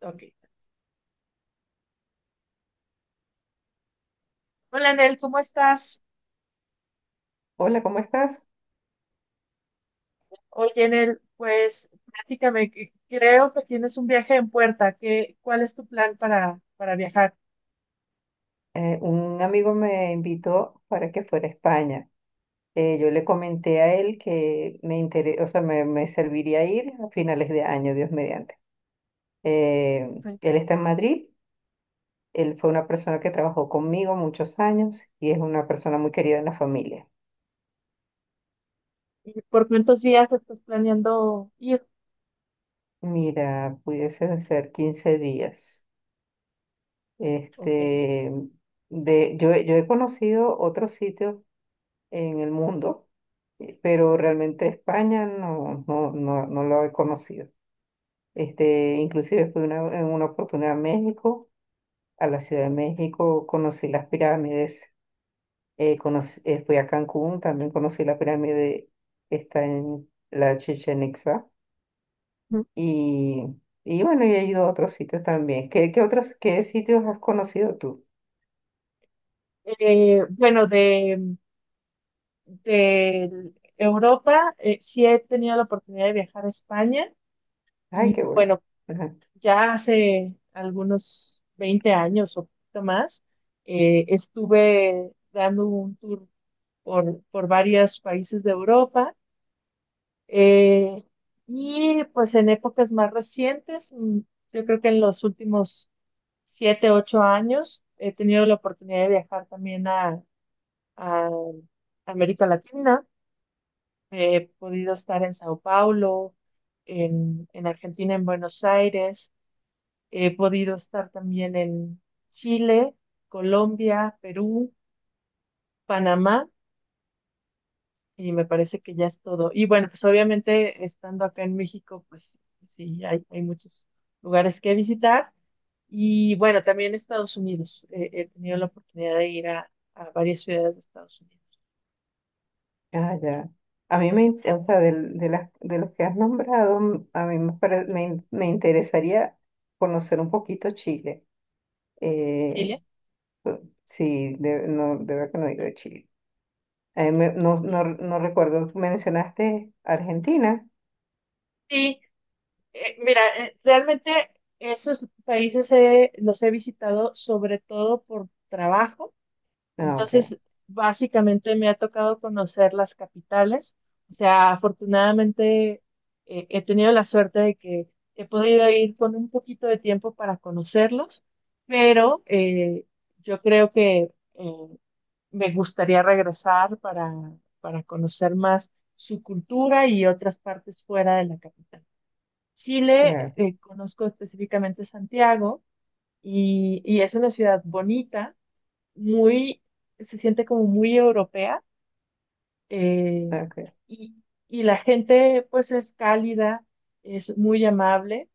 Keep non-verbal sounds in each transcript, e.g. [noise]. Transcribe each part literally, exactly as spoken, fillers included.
Ok. Hola, Nel, ¿cómo estás? Hola, ¿cómo estás? Oye, Nel, pues platícame, que creo que tienes un viaje en puerta. ¿Qué, cuál es tu plan para, para viajar? Eh, un amigo me invitó para que fuera a España. Eh, yo le comenté a él que me interesa, o sea, me, me serviría ir a finales de año, Dios mediante. Eh, Sí. Él está en Madrid. Él fue una persona que trabajó conmigo muchos años y es una persona muy querida en la familia. ¿Y por cuántos días estás planeando ir? Mira, pudiesen ser quince días. Ok. Este, de, yo, he- yo he conocido otros sitios en el mundo, eh, pero realmente España no, no, no, no lo he conocido. Este, inclusive fui una, en una oportunidad a México, a la Ciudad de México, conocí las pirámides. Eh, conocí- eh, fui a Cancún, también conocí la pirámide que está en la Chichén Itzá. Ujú. Y, y bueno, y he ido a otros sitios también. ¿Qué, qué otros, qué sitios has conocido tú? Eh, bueno, de, de Europa, eh, sí he tenido la oportunidad de viajar a España Ay, y qué bueno. bueno, ya hace algunos veinte años o poquito más, eh, estuve dando un tour por, por varios países de Europa. eh, y pues en épocas más recientes, mm, yo creo que en los últimos siete, ocho años, he tenido la oportunidad de viajar también a, a América Latina. He podido estar en Sao Paulo, en, en Argentina, en Buenos Aires. He podido estar también en Chile, Colombia, Perú, Panamá. Y me parece que ya es todo. Y bueno, pues obviamente estando acá en México, pues sí, hay, hay muchos lugares que visitar. Y bueno, también Estados Unidos. Eh, he tenido la oportunidad de ir a, a varias ciudades de Estados Unidos. Ah, ya. A mí me, in- O sea, del- de, las, de los que has nombrado, m- a mí me, pare- me, in- me interesaría conocer un poquito Chile. Eh, ¿Chile? pu- sí, de, no, de verdad que no he ido a Chile. A mí me- no, no, Sí, no recuerdo, mencionaste Argentina. sí. Eh, mira, eh, realmente esos países eh, los he visitado sobre todo por trabajo. Ah, ok, Entonces, básicamente me ha tocado conocer las capitales. O sea, afortunadamente eh, he tenido la suerte de que he podido ir con un poquito de tiempo para conocerlos, pero eh, yo creo que eh, me gustaría regresar para, para conocer más su cultura y otras partes fuera de la capital. Chile, claro, eh, conozco específicamente Santiago y, y es una ciudad bonita, muy, se siente como muy europea, eh, ok, y, y la gente pues es cálida, es muy amable,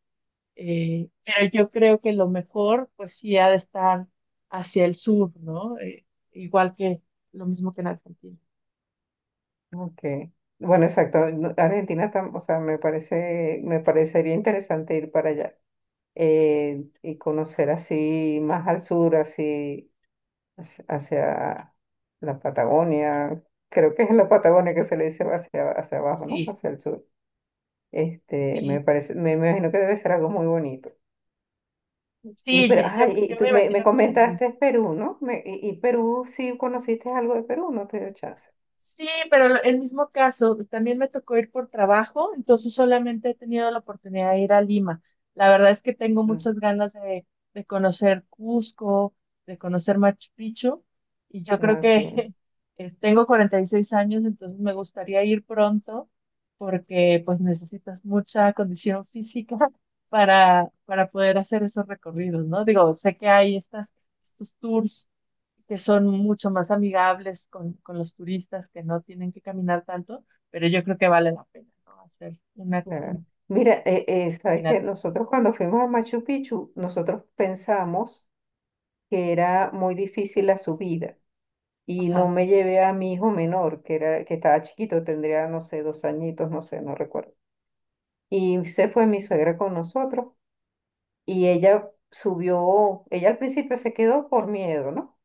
eh, pero yo creo que lo mejor pues sí ha de estar hacia el sur, ¿no? Eh, igual que lo mismo que en Argentina. ok. Bueno, exacto, no- Argentina, tam- o sea, me parece, me parecería interesante ir para allá. Eh, y conocer así más al sur, así hacia hacia la Patagonia. Creo que es en la Patagonia que se le dice hacia, hacia abajo, ¿no? Sí, Hacia el sur. Este, me sí, parece, Me imagino que debe ser algo muy bonito. Y sí, pero, yo, yo ay, y yo tú me me, me imagino que también. comentaste Perú, ¿no? Me- y, y Perú, sí conociste algo de Perú, no te dio chance. Sí, pero lo- el mismo caso, también me tocó ir por trabajo, entonces solamente he tenido la oportunidad de ir a Lima. La verdad es que tengo Mm, muchas ganas de, de conocer Cusco, de conocer Machu Picchu, y yo creo no, sí, que [laughs] es- tengo cuarenta y seis años, entonces me gustaría ir pronto, porque pues necesitas mucha condición física [laughs] para, para poder hacer esos recorridos, ¿no? Digo, sé que hay estas, estos tours que son mucho más amigables con, con los turistas que no tienen que caminar tanto, pero yo creo que vale la pena, ¿no? Hacer una, una claro. Mira, eh, eh, sabes que caminata. nosotros cuando fuimos a Machu Picchu, nosotros pensamos que era muy difícil la subida y no Ajá, me llevé a mi hijo menor, que era, que estaba chiquito, tendría, no sé, dos añitos, no sé, no recuerdo. Y se fue mi suegra con nosotros y ella subió. Ella al principio se quedó por miedo, ¿no?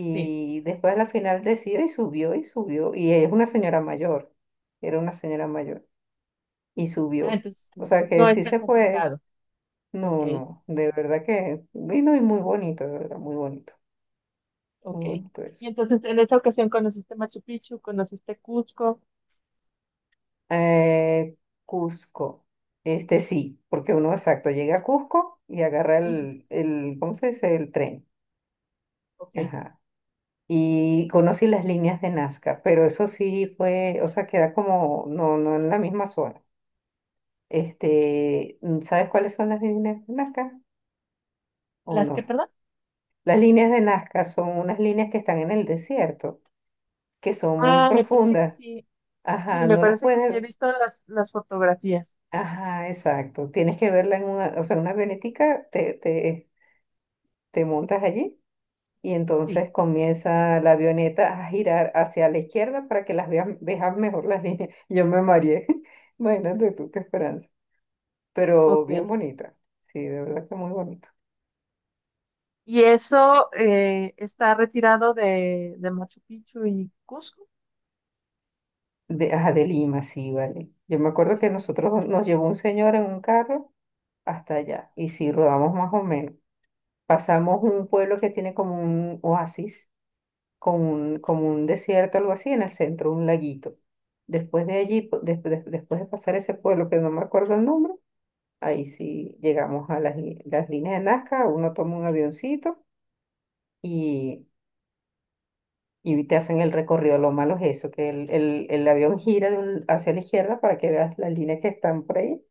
sí. después a la final decidió y subió y subió. Y ella es una señora mayor, era una señora mayor y Ah, subió. entonces O no, sea no que es sí tan se puede. complicado. Ok, No, no, de verdad que vino y muy bonito, de verdad, muy bonito, ok. muy bonito eso. Y entonces en esta ocasión conociste Machu Picchu, conociste Cusco. Eh, Cusco. Este sí, porque uno exacto llega a Cusco y agarra Ujú, el, el, ¿cómo se dice? El tren. ok. Ajá. Y conocí las líneas de Nazca, pero eso sí fue, o sea, queda como, no, no en la misma zona. Este, mm, ¿sabes cuáles son las líneas de Nazca o ¿Las que, no? perdón? Las líneas de Nazca son unas líneas que están en el desierto, que son muy Ah, me parece que profundas. sí. Sí, Ajá, me no las parece que sí. He puedes, visto las, las fotografías. ajá, exacto. Tienes que verla en una, o sea, en una avionetica te, te, te montas allí y Sí, entonces comienza la avioneta a girar hacia la izquierda para que las veas, veas mejor las líneas. [laughs] Yo me mareé, [laughs] imagínate tú qué esperanza, pero bien ok. bonita, sí, de verdad que muy bonito. ¿Y eso eh, está retirado de, de Machu Picchu y Cusco? De, ah, de Lima, sí, vale. Yo me acuerdo Sí. que nosotros nos llevó un señor en un carro hasta allá y sí, rodamos más o menos. Pasamos un pueblo que tiene como un oasis, como un, como un desierto, algo así, en el centro, un laguito. Después de allí, po- des- des- después de pasar ese pueblo que no me acuerdo el nombre, ahí sí llegamos a las, li- las líneas de Nazca. Uno toma un avioncito y, y te hacen el recorrido. Lo malo es eso, que el, el, el avión gira de un- hacia la izquierda para que veas las líneas que están por ahí.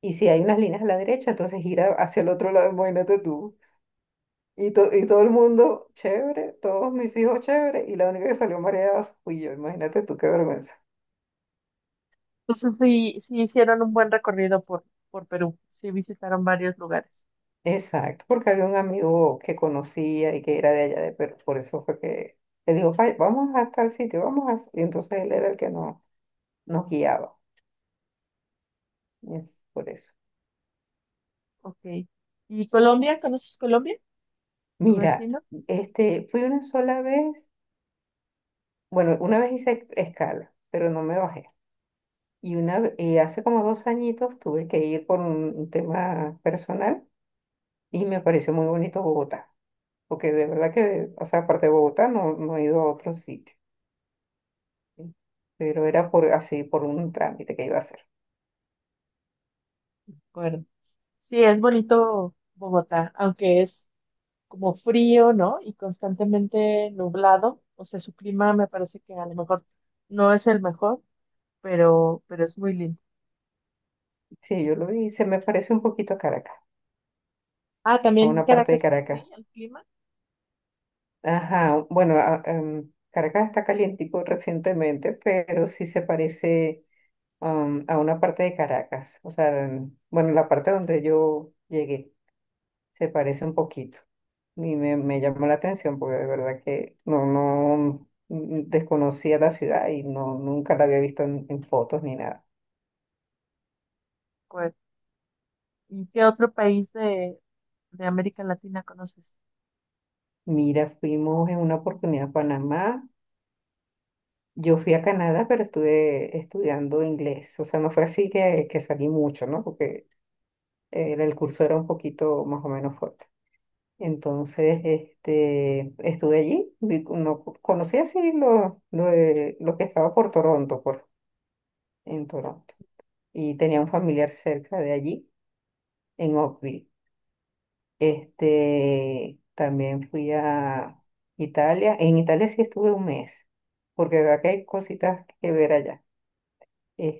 Y si hay unas líneas a la derecha, entonces gira hacia el otro lado, imagínate tú. Y, to- y todo el mundo, chévere, todos mis hijos, chévere, y la única que salió mareada fui yo, imagínate tú, qué vergüenza. Entonces sí, sí hicieron un buen recorrido por, por Perú. Sí visitaron varios lugares. Exacto, porque había un amigo que conocía y que era de allá, de pero por eso fue que le digo: "Vay, vamos a tal sitio, vamos a..." Y entonces él era el que no, nos guiaba, y es por eso. Ok. ¿Y Colombia? ¿Conoces Colombia? ¿Tu Mira, vecino? este, fui una sola vez, bueno, una vez hice escala, pero no me bajé. Y, una, ve- y hace como dos añitos tuve que ir por un tema personal y me pareció muy bonito Bogotá, porque de verdad que, o sea, aparte de Bogotá no, no he ido a otro sitio, Sí, pero era por así, por un trámite que iba a hacer. de acuerdo. Sí, es bonito Bogotá, aunque es como frío, ¿no? Y constantemente nublado. O sea, su clima me parece que a lo mejor no es el mejor, pero, pero es muy lindo. Sí, yo lo vi, se me parece un poquito a Caracas, Ah, a también una parte de Caracas es así, Caracas. el clima. Ajá, bueno, a- em, Caracas está calientico recientemente, pero sí se parece, am, a una parte de Caracas. O sea, em, bueno, la parte donde yo llegué se parece un poquito. Y me, me llamó la atención porque de verdad que no, no mm, desconocía la ciudad y no, nunca la había visto en, en fotos ni nada. Pues, ¿y qué otro país de, de América Latina conoces? Mira, fuimos en una oportunidad a Panamá. Yo fui a Canadá, pero estuve estudiando inglés. O sea, no fue así que, que salí mucho, ¿no? Porque eh, el curso era un poquito más o menos fuerte. Entonces, este, estuve allí. vi- No, conocí así lo, lo, de- lo que estaba por Toronto, por, en Toronto. Y tenía un familiar cerca de allí, en Oakville. Este, también fui a Italia. En Italia sí estuve un mes, porque de verdad que hay cositas que ver allá.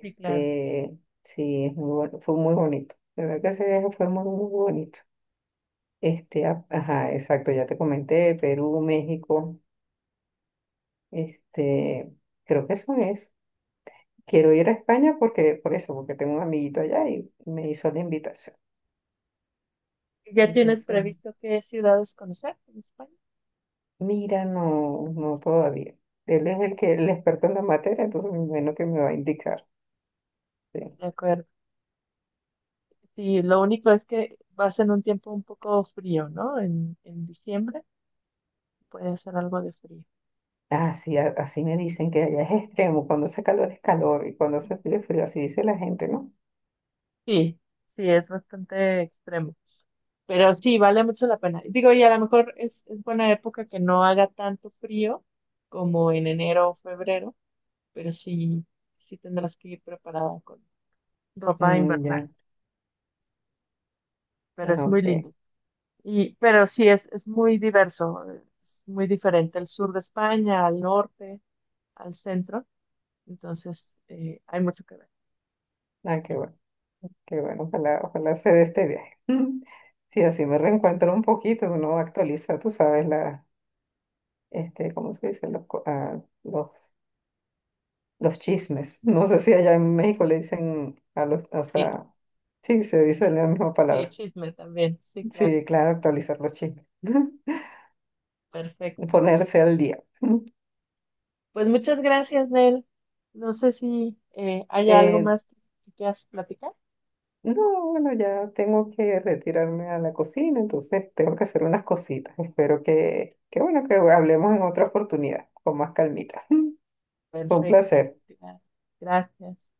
Sí, claro. sí, es muy bueno, fue muy bonito. La verdad que ese viaje fue muy, muy bonito. Este, a- ajá, exacto, ya te comenté, Perú, México, este, creo que eso es. Quiero ir a España porque, por eso, porque tengo un amiguito allá y me hizo la invitación. ¿Ya tienes Entonces, previsto qué ciudades conocer en España? mira, no, no todavía. Él es el que, el experto en la materia, entonces bueno que me va a indicar. Sí. De acuerdo. Sí, lo único es que va a ser un tiempo un poco frío, ¿no? En, en diciembre puede ser algo de frío. Ah, sí, a- así me dicen que allá es extremo, cuando hace calor es calor y cuando hace frío es frío, así dice la gente, ¿no? Sí, sí, es bastante extremo. Pero sí, vale mucho la pena. Digo, y a lo mejor es, es buena época que no haga tanto frío como en enero o febrero, pero sí, sí tendrás que ir preparada con ropa Mm, invernal. ya. Pero Ah, es muy ok. lindo. Y, pero sí, es, es muy diverso, es muy diferente el sur de España, al norte, al centro. Entonces, eh, hay mucho que ver. Ah, qué bueno, qué bueno. Ojalá, ojalá se dé este viaje. [laughs] Sí, así me Sí, reencuentro un poquito, uno actualiza, tú sabes, la, este, ¿cómo se dice? Los, co- ah, los, los chismes. No sé si allá en México le dicen a los, o sí, sea, sí, se dice la misma sí, palabra. chisme también. Sí, claro. Sí, claro, actualizar los chismes. [laughs] Perfecto. Ponerse al día. [laughs] Pues muchas gracias, Nel. No sé si eh, hay algo Eh, más que que quieras platicar. No, bueno, ya tengo que retirarme a la cocina, entonces tengo que hacer unas cositas. Espero que, que bueno, que hablemos en otra oportunidad, con más calmita. [laughs] Fue un Perfecto. placer. Gra- Gracias.